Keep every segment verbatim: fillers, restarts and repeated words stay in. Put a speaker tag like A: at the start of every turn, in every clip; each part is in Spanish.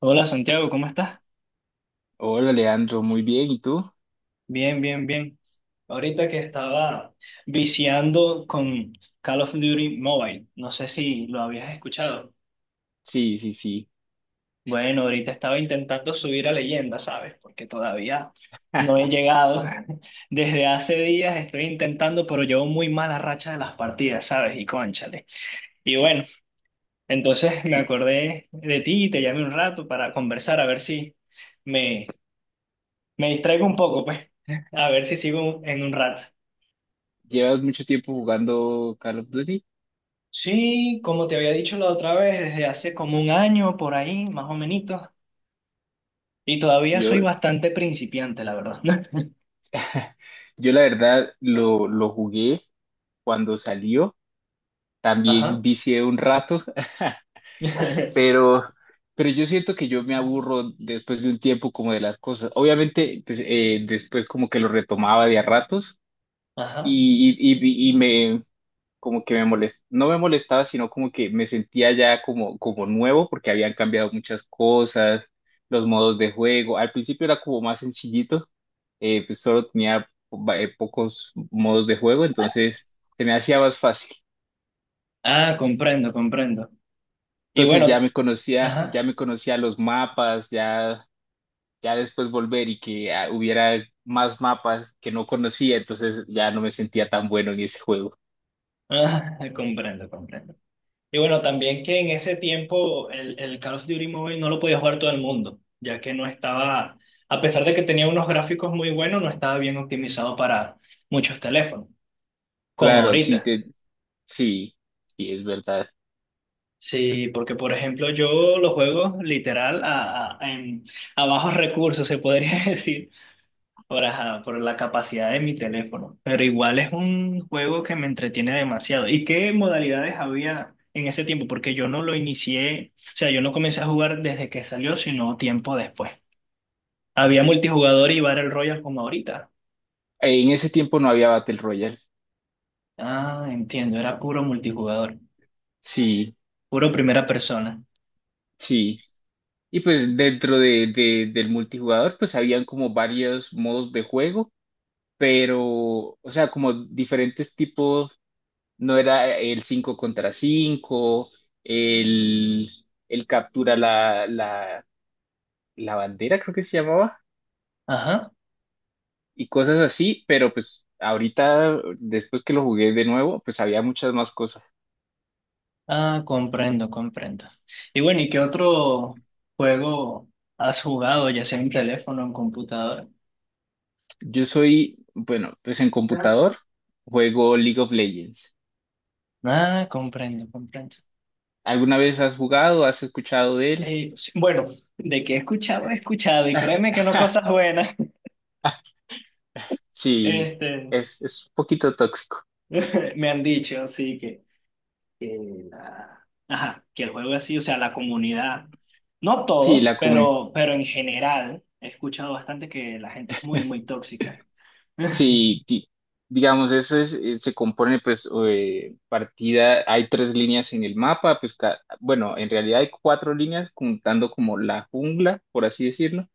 A: Hola Santiago, ¿cómo estás?
B: Hola, Leandro, muy bien. ¿Y tú?
A: Bien, bien, bien. Ahorita que estaba viciando con Call of Duty Mobile, no sé si lo habías escuchado.
B: Sí, sí, sí.
A: Bueno, ahorita estaba intentando subir a leyenda, ¿sabes? Porque todavía no he llegado. Desde hace días estoy intentando, pero llevo muy mala racha de las partidas, ¿sabes? Y cónchale. Y bueno, entonces me
B: Lle-
A: acordé de ti y te llamé un rato para conversar, a ver si me, me distraigo un poco, pues. A ver si sigo en un rato.
B: ¿Llevas mucho tiempo jugando Call of Duty?
A: Sí, como te había dicho la otra vez, desde hace como un año por ahí, más o menos, y todavía soy
B: Yo,
A: bastante principiante, la verdad.
B: yo la verdad lo, lo jugué cuando salió. También
A: Ajá.
B: vicié un rato, pero, pero yo siento que yo me aburro después de un tiempo como de las cosas. Obviamente, pues, eh, después como que lo retomaba de a ratos
A: Ajá.
B: y, y, y, y me, como que me molest, no me molestaba, sino como que me sentía ya como, como nuevo porque habían cambiado muchas cosas, los modos de juego. Al principio era como más sencillito, eh, pues solo tenía va- eh, pocos modos de juego, entonces se me hacía más fácil.
A: Ah, comprendo, comprendo. Y
B: Entonces
A: bueno,
B: ya
A: t-
B: me conocía, ya
A: ajá.
B: me conocía los mapas, ya, ya después volver y que ah, hubiera más mapas que no conocía, entonces ya no me sentía tan bueno en ese juego.
A: Ah, comprendo, comprendo. Y bueno, también que en ese tiempo el, el Call of Duty Mobile no lo podía jugar todo el mundo, ya que no estaba, a pesar de que tenía unos gráficos muy buenos, no estaba bien optimizado para muchos teléfonos, como
B: Claro, sí,
A: ahorita.
B: te, sí, sí, es verdad.
A: Sí, porque por ejemplo yo los juego literal a, a- en, a bajos recursos, se podría decir, por, ajá, por la capacidad de mi teléfono. Pero igual es un juego que me entretiene demasiado. ¿Y qué modalidades había en ese tiempo? Porque yo no lo inicié, o sea, yo no comencé a jugar desde que salió, sino tiempo después. Había multijugador y Battle Royale como ahorita.
B: En ese tiempo no había Battle Royale.
A: Ah, entiendo, era puro multijugador,
B: Sí,
A: puro primera persona.
B: sí. Y pues dentro de, de- del multijugador, pues habían como varios modos de juego, pero, o sea, como diferentes tipos, no era el cinco contra cinco el, el captura la, la, la bandera, creo que se llamaba,
A: Ajá.
B: y cosas así, pero pues ahorita, después que lo jugué de nuevo, pues había muchas más cosas.
A: Ah, comprendo, comprendo. Y bueno, ¿y qué otro juego has jugado, ya sea en teléfono o en computadora?
B: Yo soy, bueno, pues en computador juego League of Legends.
A: Ah, comprendo, comprendo.
B: ¿Alguna vez has jugado? ¿Has escuchado de él?
A: Eh, sí, bueno, de que he escuchado, he escuchado, y créeme que no cosas buenas,
B: Sí,
A: este,
B: es, es un poquito tóxico.
A: me han dicho, así que, que la- ajá, que el juego así, o sea, la comunidad, no
B: Sí,
A: todos,
B: la comunidad.
A: pero, pero en general, he escuchado bastante que la gente es muy, muy tóxica.
B: Sí, di- digamos, eso es, eh, se compone, pues, eh, partida, hay tres líneas en el mapa, pues, ca- bueno, en realidad hay cuatro líneas, contando como la jungla, por así decirlo,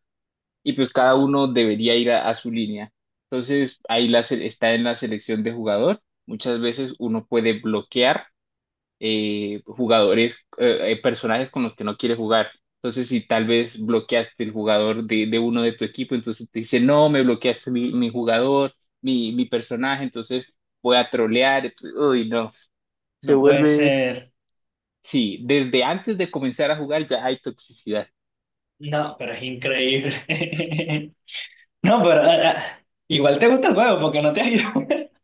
B: y pues cada
A: Ajá,
B: uno debería ir a, a su línea. Entonces, ahí la se- está en la selección de jugador. Muchas veces uno puede bloquear eh, jugadores, eh, eh, personajes con los que no quiere jugar. Entonces, si tal vez bloqueaste el jugador de, de uno de tu equipo, entonces te dice, no, me bloqueaste mi, mi jugador, mi, mi personaje, entonces voy a trolear. Entonces, uy, no. Se
A: no puede
B: vuelve...
A: ser.
B: Sí, desde antes de comenzar a jugar ya hay toxicidad.
A: No, pero es increíble. No, pero ah, ah, igual te gusta el juego porque no te has ido.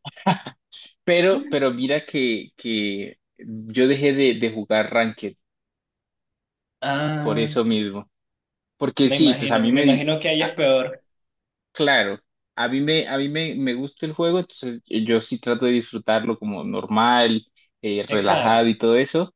B: Pero, pero mira que, que yo dejé de, de jugar Ranked por
A: Ah,
B: eso mismo. Porque
A: me
B: sí, pues a
A: imagino,
B: mí
A: me
B: me, di-
A: imagino que ahí es
B: a,
A: peor.
B: claro, a mí me, a mí me, me gusta el juego, entonces eh, yo sí trato de disfrutarlo como normal, eh,
A: Exacto,
B: relajado y todo eso,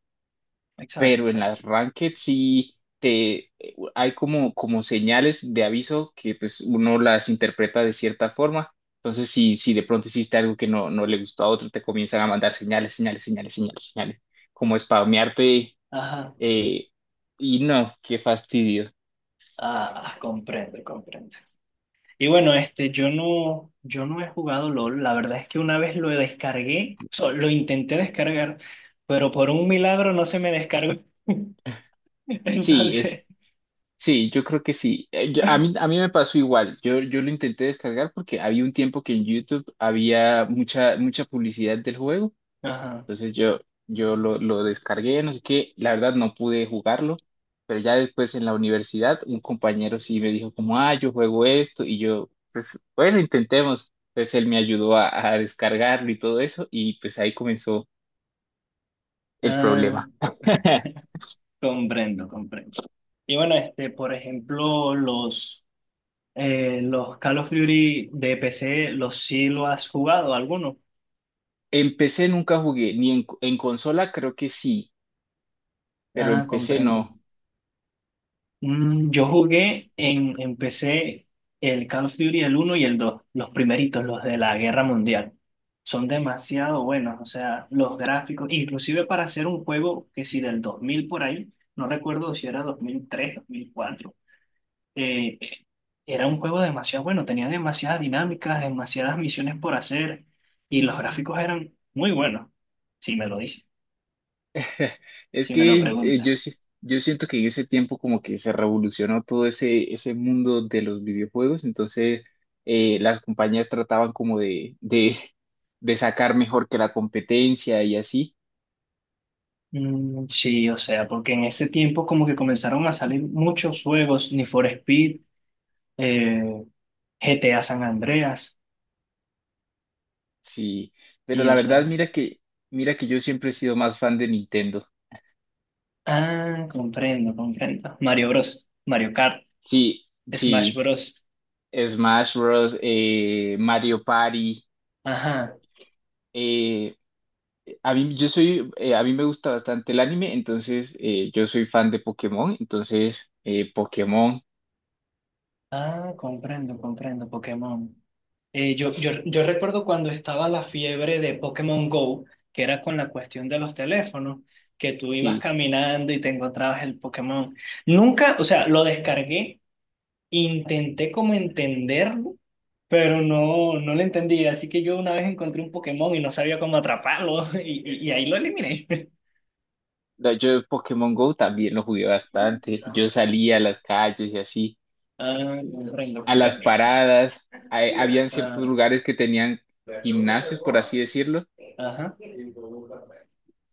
A: exacto,
B: pero en
A: exacto.
B: las ranked sí te, hay como, como señales de aviso que pues uno las interpreta de cierta forma, entonces si, si de pronto hiciste algo que no, no le gustó a otro, te comienzan a mandar señales, señales, señales, señales, señales, como spamearte
A: Ajá.
B: eh, y no, qué fastidio.
A: Ah, ah, comprendo, comprendo. Y bueno, este, yo no, yo no he jugado LOL. La verdad es que una vez lo descargué, o sea, lo intenté descargar, pero por un milagro no se me descargó.
B: Sí, es...
A: Entonces,
B: Sí, yo creo que sí. Eh, yo- a mí, a mí me pasó igual. Yo, yo lo intenté descargar porque había un tiempo que en YouTube había mucha, mucha publicidad del juego.
A: ajá.
B: Entonces yo, yo lo, lo descargué, no sé qué. La verdad no pude jugarlo, pero ya después en la universidad un compañero sí me dijo como, ah, yo juego esto. Y yo, pues bueno, intentemos. Entonces él me ayudó a, a descargarlo y todo eso y pues ahí comenzó el
A: Ah,
B: problema.
A: comprendo, comprendo. Y bueno, este, por ejemplo, los, eh, los Call of Duty de P C, ¿los sí lo has jugado alguno?
B: Empecé, nunca jugué, ni en, en consola creo que sí, pero
A: Ah,
B: empecé
A: comprendo.
B: no.
A: Mm, yo jugué en, en P C el Call of Duty, el uno y el dos los primeritos, los de la Guerra Mundial. Son demasiado buenos, o sea, los gráficos, inclusive para hacer un juego que si del dos mil por ahí, no recuerdo si era dos dos mil tres dos mil cuatro eh, era un juego demasiado bueno, tenía demasiadas dinámicas, demasiadas misiones por hacer y los gráficos eran muy buenos, si me lo dicen,
B: Es
A: si me lo
B: que eh,
A: preguntan.
B: yo, sí- yo siento que en ese tiempo como que se revolucionó todo ese, ese mundo de los videojuegos, entonces eh, las compañías trataban como de, de, de sacar mejor que la competencia y así,
A: Mm, sí, o sea, porque en ese tiempo como que comenzaron a salir muchos juegos, Need for Speed, eh, G T A San Andreas
B: sí, pero
A: y
B: la verdad
A: otros.
B: mira que, mira que yo siempre he sido más fan de Nintendo,
A: Ah, comprendo, comprendo. Mario Bros, Mario Kart,
B: sí,
A: Smash
B: sí,
A: Bros.
B: Smash Bros., eh, Mario Party,
A: Ajá.
B: eh, a mí, yo soy, eh, a mí me gusta bastante el anime, entonces eh, yo soy fan de Pokémon, entonces eh, Pokémon,
A: Ah, comprendo, comprendo, Pokémon. Eh, yo, yo, yo recuerdo cuando estaba la fiebre de Pokémon Go, que era con la cuestión de los teléfonos, que tú ibas
B: sí.
A: caminando y te encontrabas el Pokémon. Nunca, o sea, lo descargué, intenté como entenderlo, pero no, no lo entendí. Así que yo una vez encontré un Pokémon y no sabía cómo atraparlo y, y- y ahí lo eliminé.
B: No, yo Pokémon Go también lo jugué bastante, yo salía a las calles y así,
A: Ah, comprendo,
B: a las
A: comprendo.
B: paradas, hay- habían ciertos
A: Ah,
B: lugares que tenían gimnasios, por así decirlo,
A: ajá.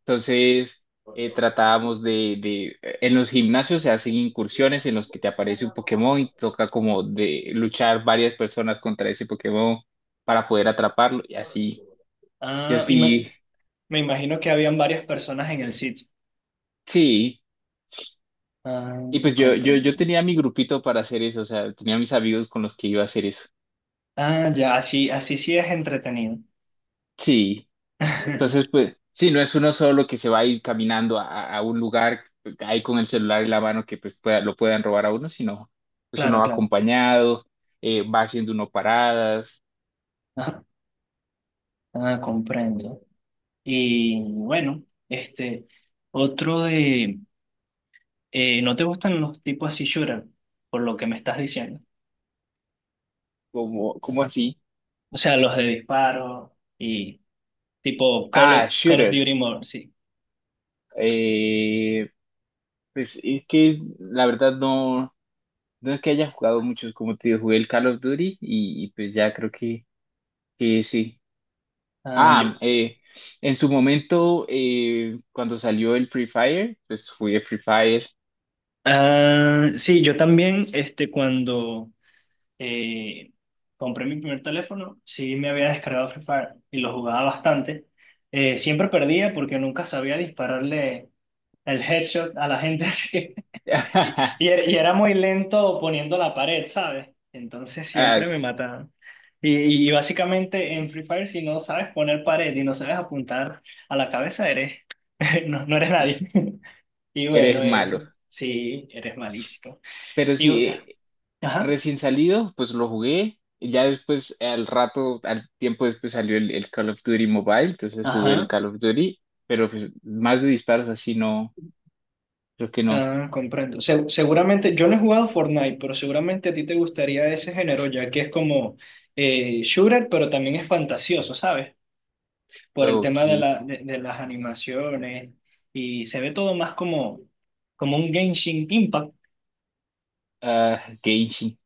B: entonces eh, tratábamos de, de, eh, en los gimnasios se hacen incursiones en los que te aparece un Pokémon y toca como de luchar varias personas contra ese Pokémon para poder atraparlo y así. Yo
A: Ah, y
B: sí,
A: me, me imagino que habían varias personas en el sitio.
B: sí.
A: Ah,
B: Y pues yo, yo,
A: comprendo.
B: yo tenía mi grupito para hacer eso, o sea, tenía mis amigos con los que iba a hacer eso.
A: Ah, ya, así, así sí es entretenido.
B: Sí. Entonces, pues, sí, no es uno solo que se va a ir caminando a, a- a un lugar ahí con el celular en la mano que pues pueda- lo puedan robar a uno, sino pues uno
A: Claro,
B: va
A: claro.
B: acompañado, eh, va haciendo uno paradas,
A: Ajá. Ah, comprendo. Y bueno, este, otro de, eh, ¿no te gustan los tipos así shooter? Por lo que me estás diciendo.
B: como, como así.
A: O sea, los de disparo y tipo Call of,
B: Ah,
A: Call of
B: shooter.
A: Duty Mobile, sí.
B: Eh, pues es que la verdad no, no es que haya jugado muchos, como te digo, jugué el Call of Duty y, y pues ya creo que, que sí.
A: Ah, yo.
B: Ah, eh, en su momento, eh, cuando salió el Free Fire, pues jugué Free Fire.
A: Ah, sí, yo también, este, cuando eh, compré mi primer teléfono, sí me había descargado Free Fire y lo jugaba bastante. Eh, siempre perdía porque nunca sabía dispararle el headshot a la gente así. Y, y era y era muy lento poniendo la pared, ¿sabes? Entonces
B: Ah,
A: siempre me
B: sí,
A: mataban. Y, y básicamente en Free Fire, si no sabes poner pared y no sabes apuntar a la cabeza, eres, no, no eres nadie. Y bueno,
B: eres malo.
A: ese, sí, eres malísimo.
B: Pero
A: Y, bu-
B: sí, eh,
A: ajá,
B: recién salido, pues lo jugué. Y ya después, al rato, al tiempo después salió el, el Call of Duty Mobile, entonces jugué el
A: ajá.
B: Call of Duty, pero pues más de disparos así no, creo que no.
A: Ah, comprendo. Se- seguramente, yo no he jugado Fortnite, pero seguramente a ti te gustaría ese género, ya que es como eh, shooter, pero también es fantasioso, ¿sabes? Por el
B: Ok.
A: tema de, la, de, de las animaciones y se ve todo más como, como un Genshin Impact.
B: Ah, Genshin.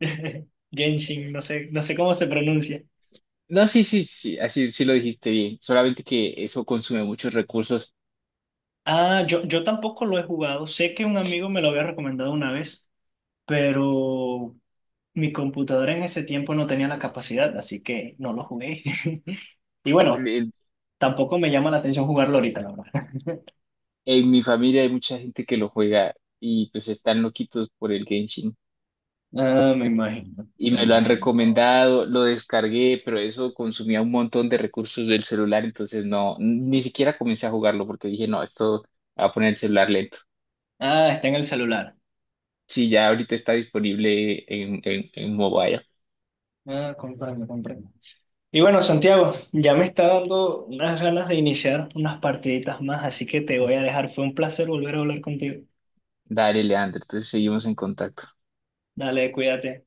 A: Genshin, no sé, no sé cómo se pronuncia.
B: No, sí, sí, sí, así sí lo dijiste bien. Solamente que eso consume muchos recursos.
A: Ah, yo, yo tampoco lo he jugado. Sé que un amigo me lo había recomendado una vez, pero mi computadora en ese tiempo no tenía la capacidad, así que no lo jugué. Y bueno, tampoco me llama la atención jugarlo ahorita, la verdad.
B: En mi familia hay mucha gente que lo juega y pues están loquitos por el Genshin.
A: Ah, me imagino,
B: Y
A: me
B: me lo han
A: imagino.
B: recomendado, lo descargué, pero eso consumía un montón de recursos del celular, entonces no, ni siquiera comencé a jugarlo porque dije, no, esto va a poner el celular lento.
A: Ah, está en el celular.
B: Sí, ya ahorita está disponible en, en, en mobile.
A: Ah, comprendo, comprendo. Y bueno, Santiago, ya me está dando unas ganas de iniciar unas partiditas más, así que te voy a dejar. Fue un placer volver a hablar contigo.
B: Dale, Leandro, entonces seguimos en contacto.
A: Dale, cuídate.